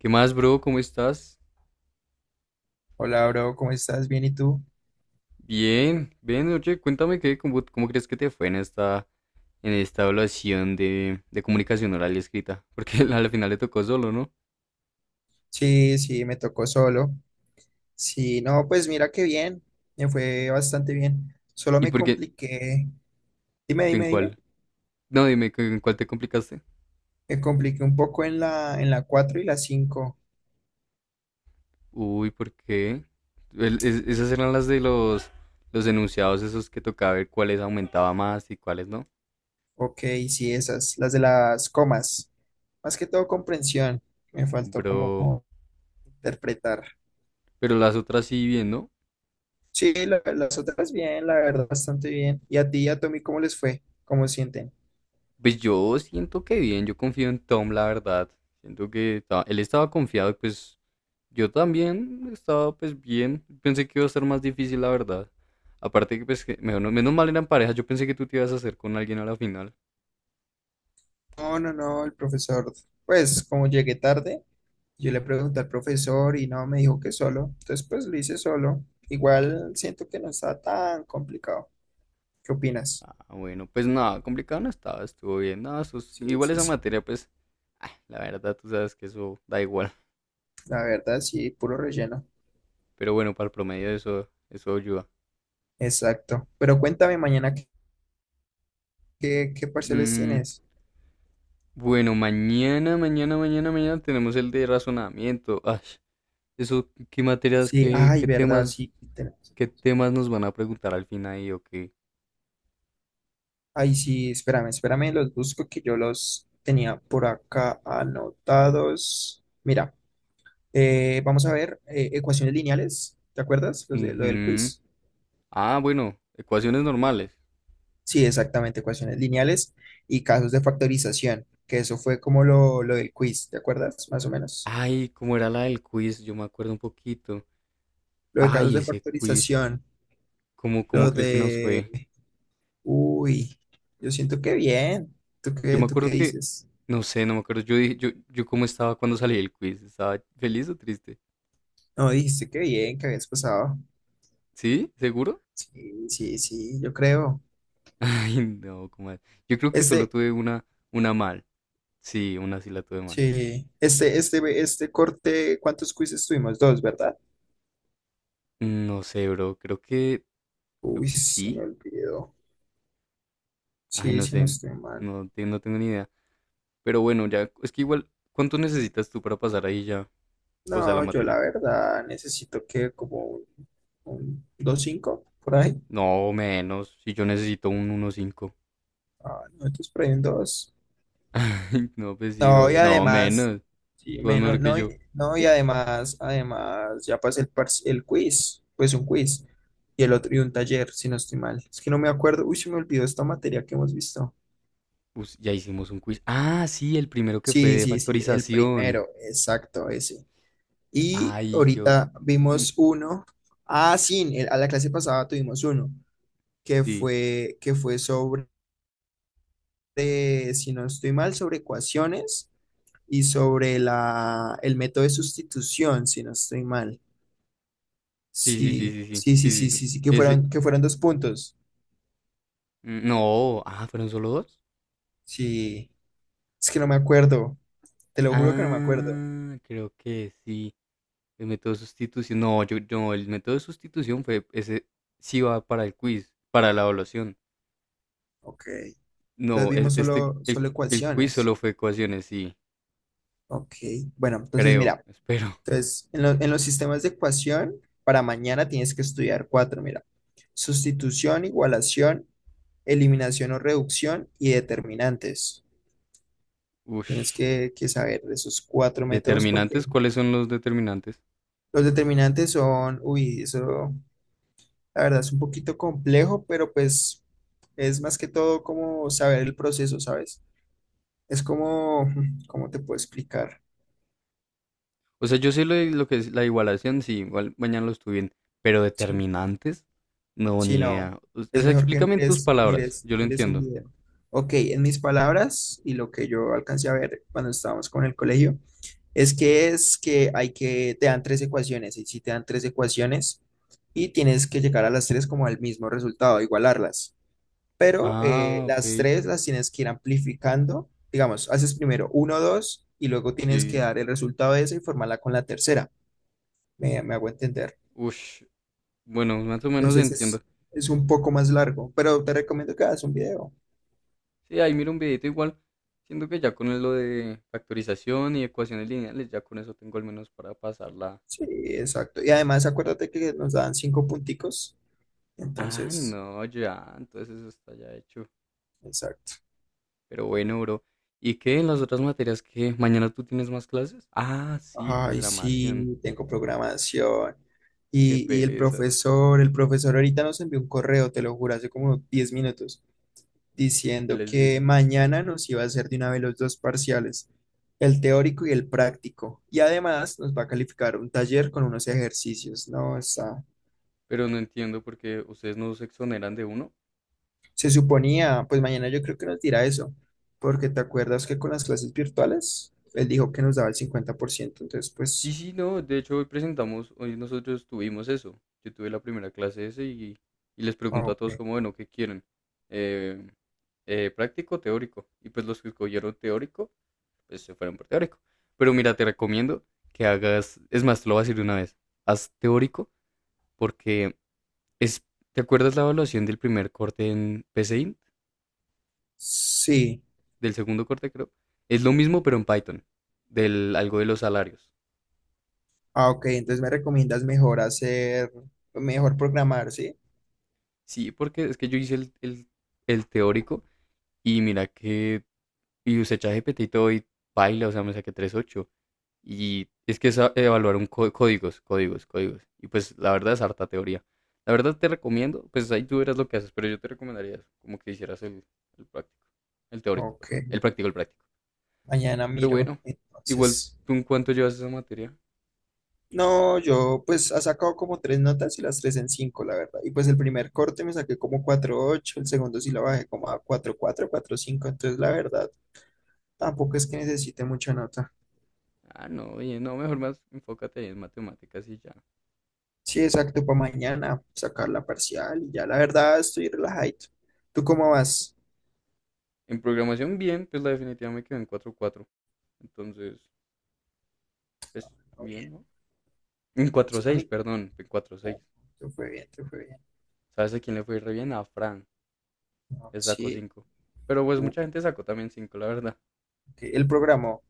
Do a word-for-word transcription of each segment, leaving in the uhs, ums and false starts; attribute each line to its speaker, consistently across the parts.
Speaker 1: ¿Qué más, bro? ¿Cómo estás?
Speaker 2: Hola, bro, ¿cómo estás? ¿Bien y tú?
Speaker 1: Bien, bien, oye, cuéntame qué, cómo, cómo crees que te fue en esta, en esta evaluación de, de comunicación oral y escrita. Porque al final le tocó solo, ¿no?
Speaker 2: Sí, sí, me tocó solo. Sí, no, pues mira qué bien, me fue bastante bien. Solo
Speaker 1: ¿Y
Speaker 2: me
Speaker 1: por qué?
Speaker 2: compliqué, dime,
Speaker 1: ¿En
Speaker 2: dime, dime,
Speaker 1: cuál? No, dime, ¿en cuál te complicaste?
Speaker 2: me compliqué un poco en la, en la cuatro y la cinco.
Speaker 1: Uy, ¿por qué? El- es- esas eran las de los, los enunciados esos que tocaba ver cuáles aumentaba más y cuáles no.
Speaker 2: Ok, sí, esas, las de las comas. Más que todo comprensión, me faltó
Speaker 1: Bro,
Speaker 2: como interpretar.
Speaker 1: pero las otras sí bien, ¿no?
Speaker 2: Sí, la- las otras bien, la verdad, bastante bien. ¿Y a ti y a Tommy cómo les fue? ¿Cómo sienten?
Speaker 1: Pues yo siento que bien, yo confío en Tom, la verdad. Siento que ta- él estaba confiado y pues yo también estaba pues bien, pensé que iba a ser más difícil, la verdad. Aparte que pues que- menos, menos mal eran parejas, yo pensé que tú te ibas a hacer con alguien a la final.
Speaker 2: No, no, no, el profesor, pues como llegué tarde. Yo le pregunté al profesor y no, me dijo que solo. Entonces, pues lo hice solo. Igual siento que no está tan complicado. ¿Qué opinas?
Speaker 1: Ah, bueno, pues nada, complicado no estaba, estuvo bien. Nada, eso sí,
Speaker 2: Sí,
Speaker 1: igual
Speaker 2: sí,
Speaker 1: esa
Speaker 2: sí.
Speaker 1: materia, pues, ah, la verdad tú sabes que eso da igual.
Speaker 2: La verdad, sí, puro relleno.
Speaker 1: Pero bueno, para el promedio eso, eso ayuda.
Speaker 2: Exacto. Pero cuéntame mañana qué, qué, qué parciales
Speaker 1: Mm,
Speaker 2: tienes.
Speaker 1: bueno, mañana, mañana, mañana, mañana tenemos el de razonamiento. Ay, eso, ¿qué materias,
Speaker 2: Sí,
Speaker 1: qué,
Speaker 2: ay,
Speaker 1: qué
Speaker 2: verdad,
Speaker 1: temas,
Speaker 2: sí, tenemos.
Speaker 1: qué temas nos van a preguntar al final ahí o qué?
Speaker 2: Ay, sí, espérame, espérame, los busco que yo los tenía por acá anotados. Mira, eh, vamos a ver eh, ecuaciones lineales. ¿Te acuerdas? Los de, lo del
Speaker 1: Ujú.
Speaker 2: quiz.
Speaker 1: Ah, bueno, ecuaciones normales.
Speaker 2: Sí, exactamente, ecuaciones lineales y casos de factorización, que eso fue como lo, lo del quiz, ¿te acuerdas? Más o menos.
Speaker 1: Ay, ¿cómo era la del quiz? Yo me acuerdo un poquito.
Speaker 2: Lo de casos
Speaker 1: Ay,
Speaker 2: de
Speaker 1: ese quiz.
Speaker 2: factorización.
Speaker 1: ¿Cómo, cómo
Speaker 2: lo
Speaker 1: crees que nos
Speaker 2: de...
Speaker 1: fue?
Speaker 2: Uy, yo siento que bien. ¿Tú
Speaker 1: Yo
Speaker 2: qué,
Speaker 1: me
Speaker 2: tú qué
Speaker 1: acuerdo que,
Speaker 2: dices?
Speaker 1: no sé, no me acuerdo. Yo dije, yo, yo cómo estaba cuando salí del quiz. ¿Estaba feliz o triste?
Speaker 2: No, dijiste que bien, que habías pasado.
Speaker 1: ¿Sí? ¿Seguro?
Speaker 2: Sí, sí, sí, yo creo.
Speaker 1: Ay, no, ¿cómo es? Yo creo que solo
Speaker 2: Este,
Speaker 1: tuve una, una mal. Sí, una sí la tuve mal.
Speaker 2: sí, este, este, este corte, ¿cuántos quizzes tuvimos? Dos, ¿verdad?
Speaker 1: Mm, No sé, bro. Creo que, creo
Speaker 2: Uy,
Speaker 1: que
Speaker 2: se me
Speaker 1: sí.
Speaker 2: olvidó.
Speaker 1: Ay,
Speaker 2: Sí,
Speaker 1: no
Speaker 2: sí, no
Speaker 1: sé.
Speaker 2: estoy mal.
Speaker 1: No, te- no tengo ni idea. Pero bueno, ya, es que igual, ¿cuánto necesitas tú para pasar ahí ya? O sea, la
Speaker 2: No, yo
Speaker 1: materia.
Speaker 2: la verdad necesito que como un, un dos cinco por ahí.
Speaker 1: No, menos. Si yo necesito un uno cinco.
Speaker 2: Ah, no, esto es por ahí un dos.
Speaker 1: No, pues sí,
Speaker 2: No, y
Speaker 1: obvio. No,
Speaker 2: además,
Speaker 1: menos.
Speaker 2: sí,
Speaker 1: Tú eres
Speaker 2: menos,
Speaker 1: mejor que
Speaker 2: no,
Speaker 1: yo.
Speaker 2: y, no, y además, además, ya pasé el, parci- el quiz, pues un quiz, y el otro, y un taller, si no estoy mal. Es que no me acuerdo, uy, se me olvidó esta materia que hemos visto.
Speaker 1: Us- ya hicimos un quiz. Ah, sí, el primero que fue
Speaker 2: Sí,
Speaker 1: de
Speaker 2: sí, sí, el
Speaker 1: factorización.
Speaker 2: primero, exacto, ese. Y
Speaker 1: Ay, yo.
Speaker 2: ahorita
Speaker 1: Mm.
Speaker 2: vimos uno. Ah, sí, en- a la clase pasada tuvimos uno que
Speaker 1: Sí.
Speaker 2: fue, que fue sobre de, si no estoy mal, sobre ecuaciones y sobre la, el método de sustitución, si no estoy mal.
Speaker 1: Sí, sí, sí,
Speaker 2: Sí,
Speaker 1: sí, sí.
Speaker 2: sí, sí,
Speaker 1: Sí,
Speaker 2: sí,
Speaker 1: sí, sí.
Speaker 2: sí, sí, que
Speaker 1: Ese.
Speaker 2: fueron, que fueron dos puntos.
Speaker 1: Mm. No. Ah, ¿fueron solo dos?
Speaker 2: Sí, es que no me acuerdo, te lo juro que no me acuerdo.
Speaker 1: Ah, creo que sí. El método de sustitución. No, yo, no, el método de sustitución fue. Ese sí va para el quiz, para la evaluación.
Speaker 2: Ok, entonces
Speaker 1: No, es-
Speaker 2: vimos
Speaker 1: este,
Speaker 2: solo,
Speaker 1: el,
Speaker 2: solo
Speaker 1: el quiz
Speaker 2: ecuaciones.
Speaker 1: solo fue ecuaciones, sí.
Speaker 2: Ok, bueno, entonces
Speaker 1: Creo,
Speaker 2: mira,
Speaker 1: espero.
Speaker 2: entonces en, lo- en los sistemas de ecuación, para mañana tienes que estudiar cuatro, mira, sustitución, igualación, eliminación o reducción y determinantes. Tienes
Speaker 1: Ush,
Speaker 2: que, que saber de esos cuatro métodos porque
Speaker 1: determinantes, ¿cuáles son los determinantes?
Speaker 2: los determinantes son, uy, eso la verdad es un poquito complejo, pero pues es más que todo como saber el proceso, ¿sabes? Es como, ¿cómo te puedo explicar?
Speaker 1: O sea, yo sé lo, de- lo que es la igualación, sí, igual mañana lo estudié, pero
Speaker 2: Sí.
Speaker 1: determinantes, no,
Speaker 2: Si
Speaker 1: ni
Speaker 2: no,
Speaker 1: idea. O
Speaker 2: es
Speaker 1: sea,
Speaker 2: mejor que
Speaker 1: explícame en tus
Speaker 2: mires,
Speaker 1: palabras,
Speaker 2: mires,
Speaker 1: yo lo
Speaker 2: mires un
Speaker 1: entiendo.
Speaker 2: video. Ok, en mis palabras y lo que yo alcancé a ver cuando estábamos con el colegio, es que es que hay que, te dan tres ecuaciones, y si te dan tres ecuaciones y tienes que llegar a las tres como al mismo resultado, igualarlas. Pero eh,
Speaker 1: Ah, ok,
Speaker 2: las tres las tienes que ir amplificando, digamos, haces primero uno, dos, y luego tienes que
Speaker 1: sí.
Speaker 2: dar el resultado de esa y formarla con la tercera. Me, me hago entender.
Speaker 1: Ush, bueno, más o menos
Speaker 2: Entonces
Speaker 1: entiendo.
Speaker 2: es, es un poco más largo, pero te recomiendo que hagas un video.
Speaker 1: Sí, ahí miro un videito igual, siento que ya con lo de factorización y ecuaciones lineales, ya con eso tengo al menos para pasarla.
Speaker 2: Sí, exacto. Y además acuérdate que nos dan cinco punticos.
Speaker 1: Ah,
Speaker 2: Entonces,
Speaker 1: no, ya, entonces eso está ya hecho.
Speaker 2: exacto.
Speaker 1: Pero bueno, bro. ¿Y qué en las otras materias que mañana tú tienes más clases? Ah, sí,
Speaker 2: Ay,
Speaker 1: programación.
Speaker 2: sí, tengo programación.
Speaker 1: Qué
Speaker 2: Y, y el
Speaker 1: pereza.
Speaker 2: profesor, el profesor ahorita nos envió un correo, te lo juro, hace como diez minutos,
Speaker 1: ¿Qué
Speaker 2: diciendo
Speaker 1: les
Speaker 2: que
Speaker 1: digo?
Speaker 2: mañana nos iba a hacer de una vez los dos parciales, el teórico y el práctico. Y además nos va a calificar un taller con unos ejercicios, ¿no? Está
Speaker 1: Pero no entiendo por qué ustedes no se exoneran de uno.
Speaker 2: Se suponía, pues mañana yo creo que nos dirá eso, porque te acuerdas que con las clases virtuales, él dijo que nos daba el cincuenta por ciento, entonces
Speaker 1: Sí,
Speaker 2: pues,
Speaker 1: sí, no. De hecho, hoy presentamos, hoy nosotros tuvimos eso. Yo tuve la primera clase ese y, y les
Speaker 2: ah,
Speaker 1: pregunto a todos
Speaker 2: ok.
Speaker 1: como, bueno, ¿qué quieren? Eh, eh, práctico, o teórico. Y pues los que escogieron teórico, pues se fueron por teórico. Pero mira, te recomiendo que hagas, es más, te lo voy a decir de una vez, haz teórico porque Es, ¿te acuerdas la evaluación del primer corte en PCInt?
Speaker 2: Sí,
Speaker 1: Del segundo corte, creo. Es lo mismo, pero en Python. Del algo de los salarios.
Speaker 2: ah, ok, entonces me recomiendas mejor hacer, mejor programar, ¿sí?
Speaker 1: Sí, porque es que yo hice el, el- el teórico y mira que. Y usé ChatGPT y todo y paila, o sea, me saqué tres ocho. Y es que es a- evaluar un có- códigos, códigos, códigos. Y pues la verdad es harta teoría. La verdad te recomiendo, pues ahí tú verás lo que haces, pero yo te recomendaría eso, como que hicieras el, el práctico. El teórico,
Speaker 2: Ok,
Speaker 1: perdón. El práctico, el práctico.
Speaker 2: mañana
Speaker 1: Pero
Speaker 2: miro,
Speaker 1: bueno, igual
Speaker 2: entonces.
Speaker 1: tú en cuánto llevas esa materia.
Speaker 2: No, yo pues ha sacado como tres notas y las tres en cinco, la verdad. Y pues el primer corte me saqué como cuatro punto ocho, el segundo sí lo bajé como a cuatro punto cuatro, cinco, entonces la verdad tampoco es que necesite mucha nota.
Speaker 1: Ah, no, oye, no, mejor más enfócate ahí en matemáticas y ya.
Speaker 2: Sí, exacto, para mañana sacar la parcial y ya la verdad estoy relajado. ¿Tú cómo vas?
Speaker 1: En programación bien, pues la definitiva me quedó en cuatro cuatro. Entonces, pues
Speaker 2: No,
Speaker 1: bien,
Speaker 2: bien.
Speaker 1: ¿no? En cuatro
Speaker 2: Sí, a
Speaker 1: seis
Speaker 2: mí,
Speaker 1: perdón, en cuatro seis.
Speaker 2: no, te fue bien, te fue bien.
Speaker 1: ¿Sabes a quién le fue re bien? A Fran,
Speaker 2: No,
Speaker 1: le sacó
Speaker 2: sí,
Speaker 1: cinco. Pero pues
Speaker 2: uh,
Speaker 1: mucha gente sacó también cinco, la verdad.
Speaker 2: ok. El programa,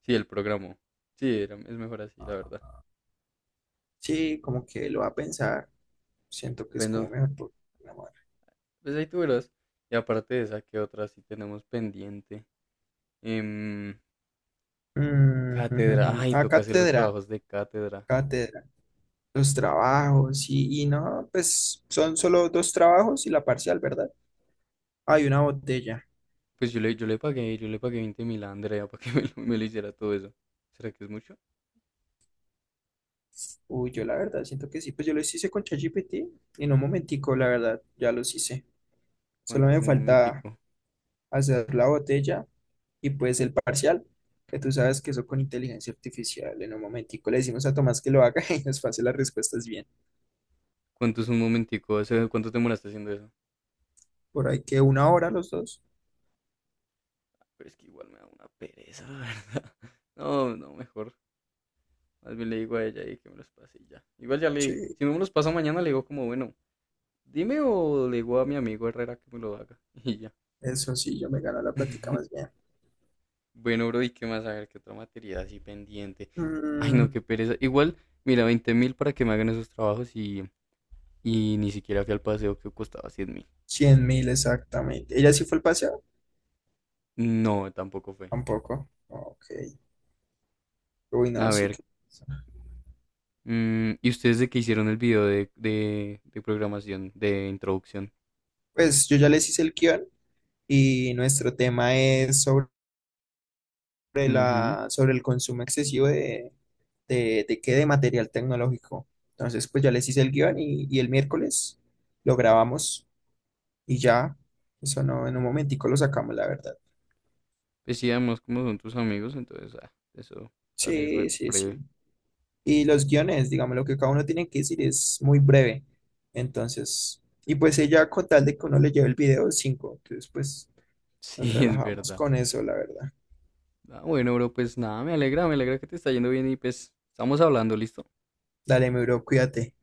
Speaker 1: Sí, el programó. Sí, era- es mejor así, la verdad.
Speaker 2: sí, como que lo va a pensar. Siento que es como
Speaker 1: Bueno,
Speaker 2: mejor programar.
Speaker 1: pues ahí tú verás. Y aparte de esa, ¿qué otra sí tenemos pendiente? Em,
Speaker 2: Mm,
Speaker 1: Cátedra,
Speaker 2: ujujujú.
Speaker 1: ay,
Speaker 2: Ah,
Speaker 1: toca hacer los
Speaker 2: cátedra,
Speaker 1: trabajos de cátedra.
Speaker 2: cátedra. Los trabajos y, y no, pues son solo dos trabajos y la parcial, ¿verdad? Hay una botella.
Speaker 1: Pues yo le, yo le pagué, yo le pagué veinte mil a Andrea para que me lo, me lo hiciera todo eso. ¿Será que es mucho?
Speaker 2: Uy, yo la verdad siento que sí, pues yo los hice con ChatGPT en un momentico, la verdad, ya los hice. Solo
Speaker 1: ¿Cuánto es
Speaker 2: me
Speaker 1: un
Speaker 2: falta
Speaker 1: momentico?
Speaker 2: hacer la botella y pues el parcial, que tú sabes que eso con inteligencia artificial, en un momentico le decimos a Tomás que lo haga y nos pase las respuestas bien.
Speaker 1: ¿Cuánto es un momentico? Ese- ¿Cuánto te demoraste haciendo eso?
Speaker 2: Por ahí que una hora los dos.
Speaker 1: Pero es que igual me da una pereza, la verdad. No, no, mejor. Más bien le digo a ella y que me los pase y ya. Igual ya le dije.
Speaker 2: Sí,
Speaker 1: Si no me los pasa mañana, le digo como, bueno, dime o le digo a mi amigo Herrera que me lo haga. Y ya.
Speaker 2: eso sí, yo me gano la plática más bien.
Speaker 1: Bueno, bro, ¿y qué más? A ver, ¿qué otra materia así pendiente? Ay, no,
Speaker 2: Mm,
Speaker 1: qué pereza. Igual, mira, veinte mil para que me hagan esos trabajos y, y ni siquiera fui al paseo que costaba cien mil.
Speaker 2: cien mil exactamente. ¿Ella sí fue el paseo?
Speaker 1: No, tampoco fue.
Speaker 2: Tampoco. Ok. Uy, no,
Speaker 1: A
Speaker 2: sí
Speaker 1: ver,
Speaker 2: que...
Speaker 1: mm, ¿y ustedes de qué hicieron el video de, de, de programación, de introducción?
Speaker 2: Pues yo ya les hice el guión y nuestro tema es sobre
Speaker 1: Ujú.
Speaker 2: la, sobre el consumo excesivo de, de, de qué, de material tecnológico. Entonces, pues ya les hice el guión y, y el miércoles lo grabamos y ya, eso no, en un momentico lo sacamos, la verdad.
Speaker 1: Pues sí, además, como son tus amigos, entonces ah, eso sale re
Speaker 2: Sí, sí,
Speaker 1: breve.
Speaker 2: sí. Y los guiones, digamos, lo que cada uno tiene que decir es muy breve. Entonces, y pues ella con tal de que uno le lleve el video cinco, entonces pues nos
Speaker 1: Sí, es
Speaker 2: relajamos
Speaker 1: verdad.
Speaker 2: con eso, la verdad.
Speaker 1: Ah, bueno, bro, pues nada, me alegra, me alegra que te está yendo bien y pues estamos hablando, ¿listo?
Speaker 2: Dale, mi bro, cuídate.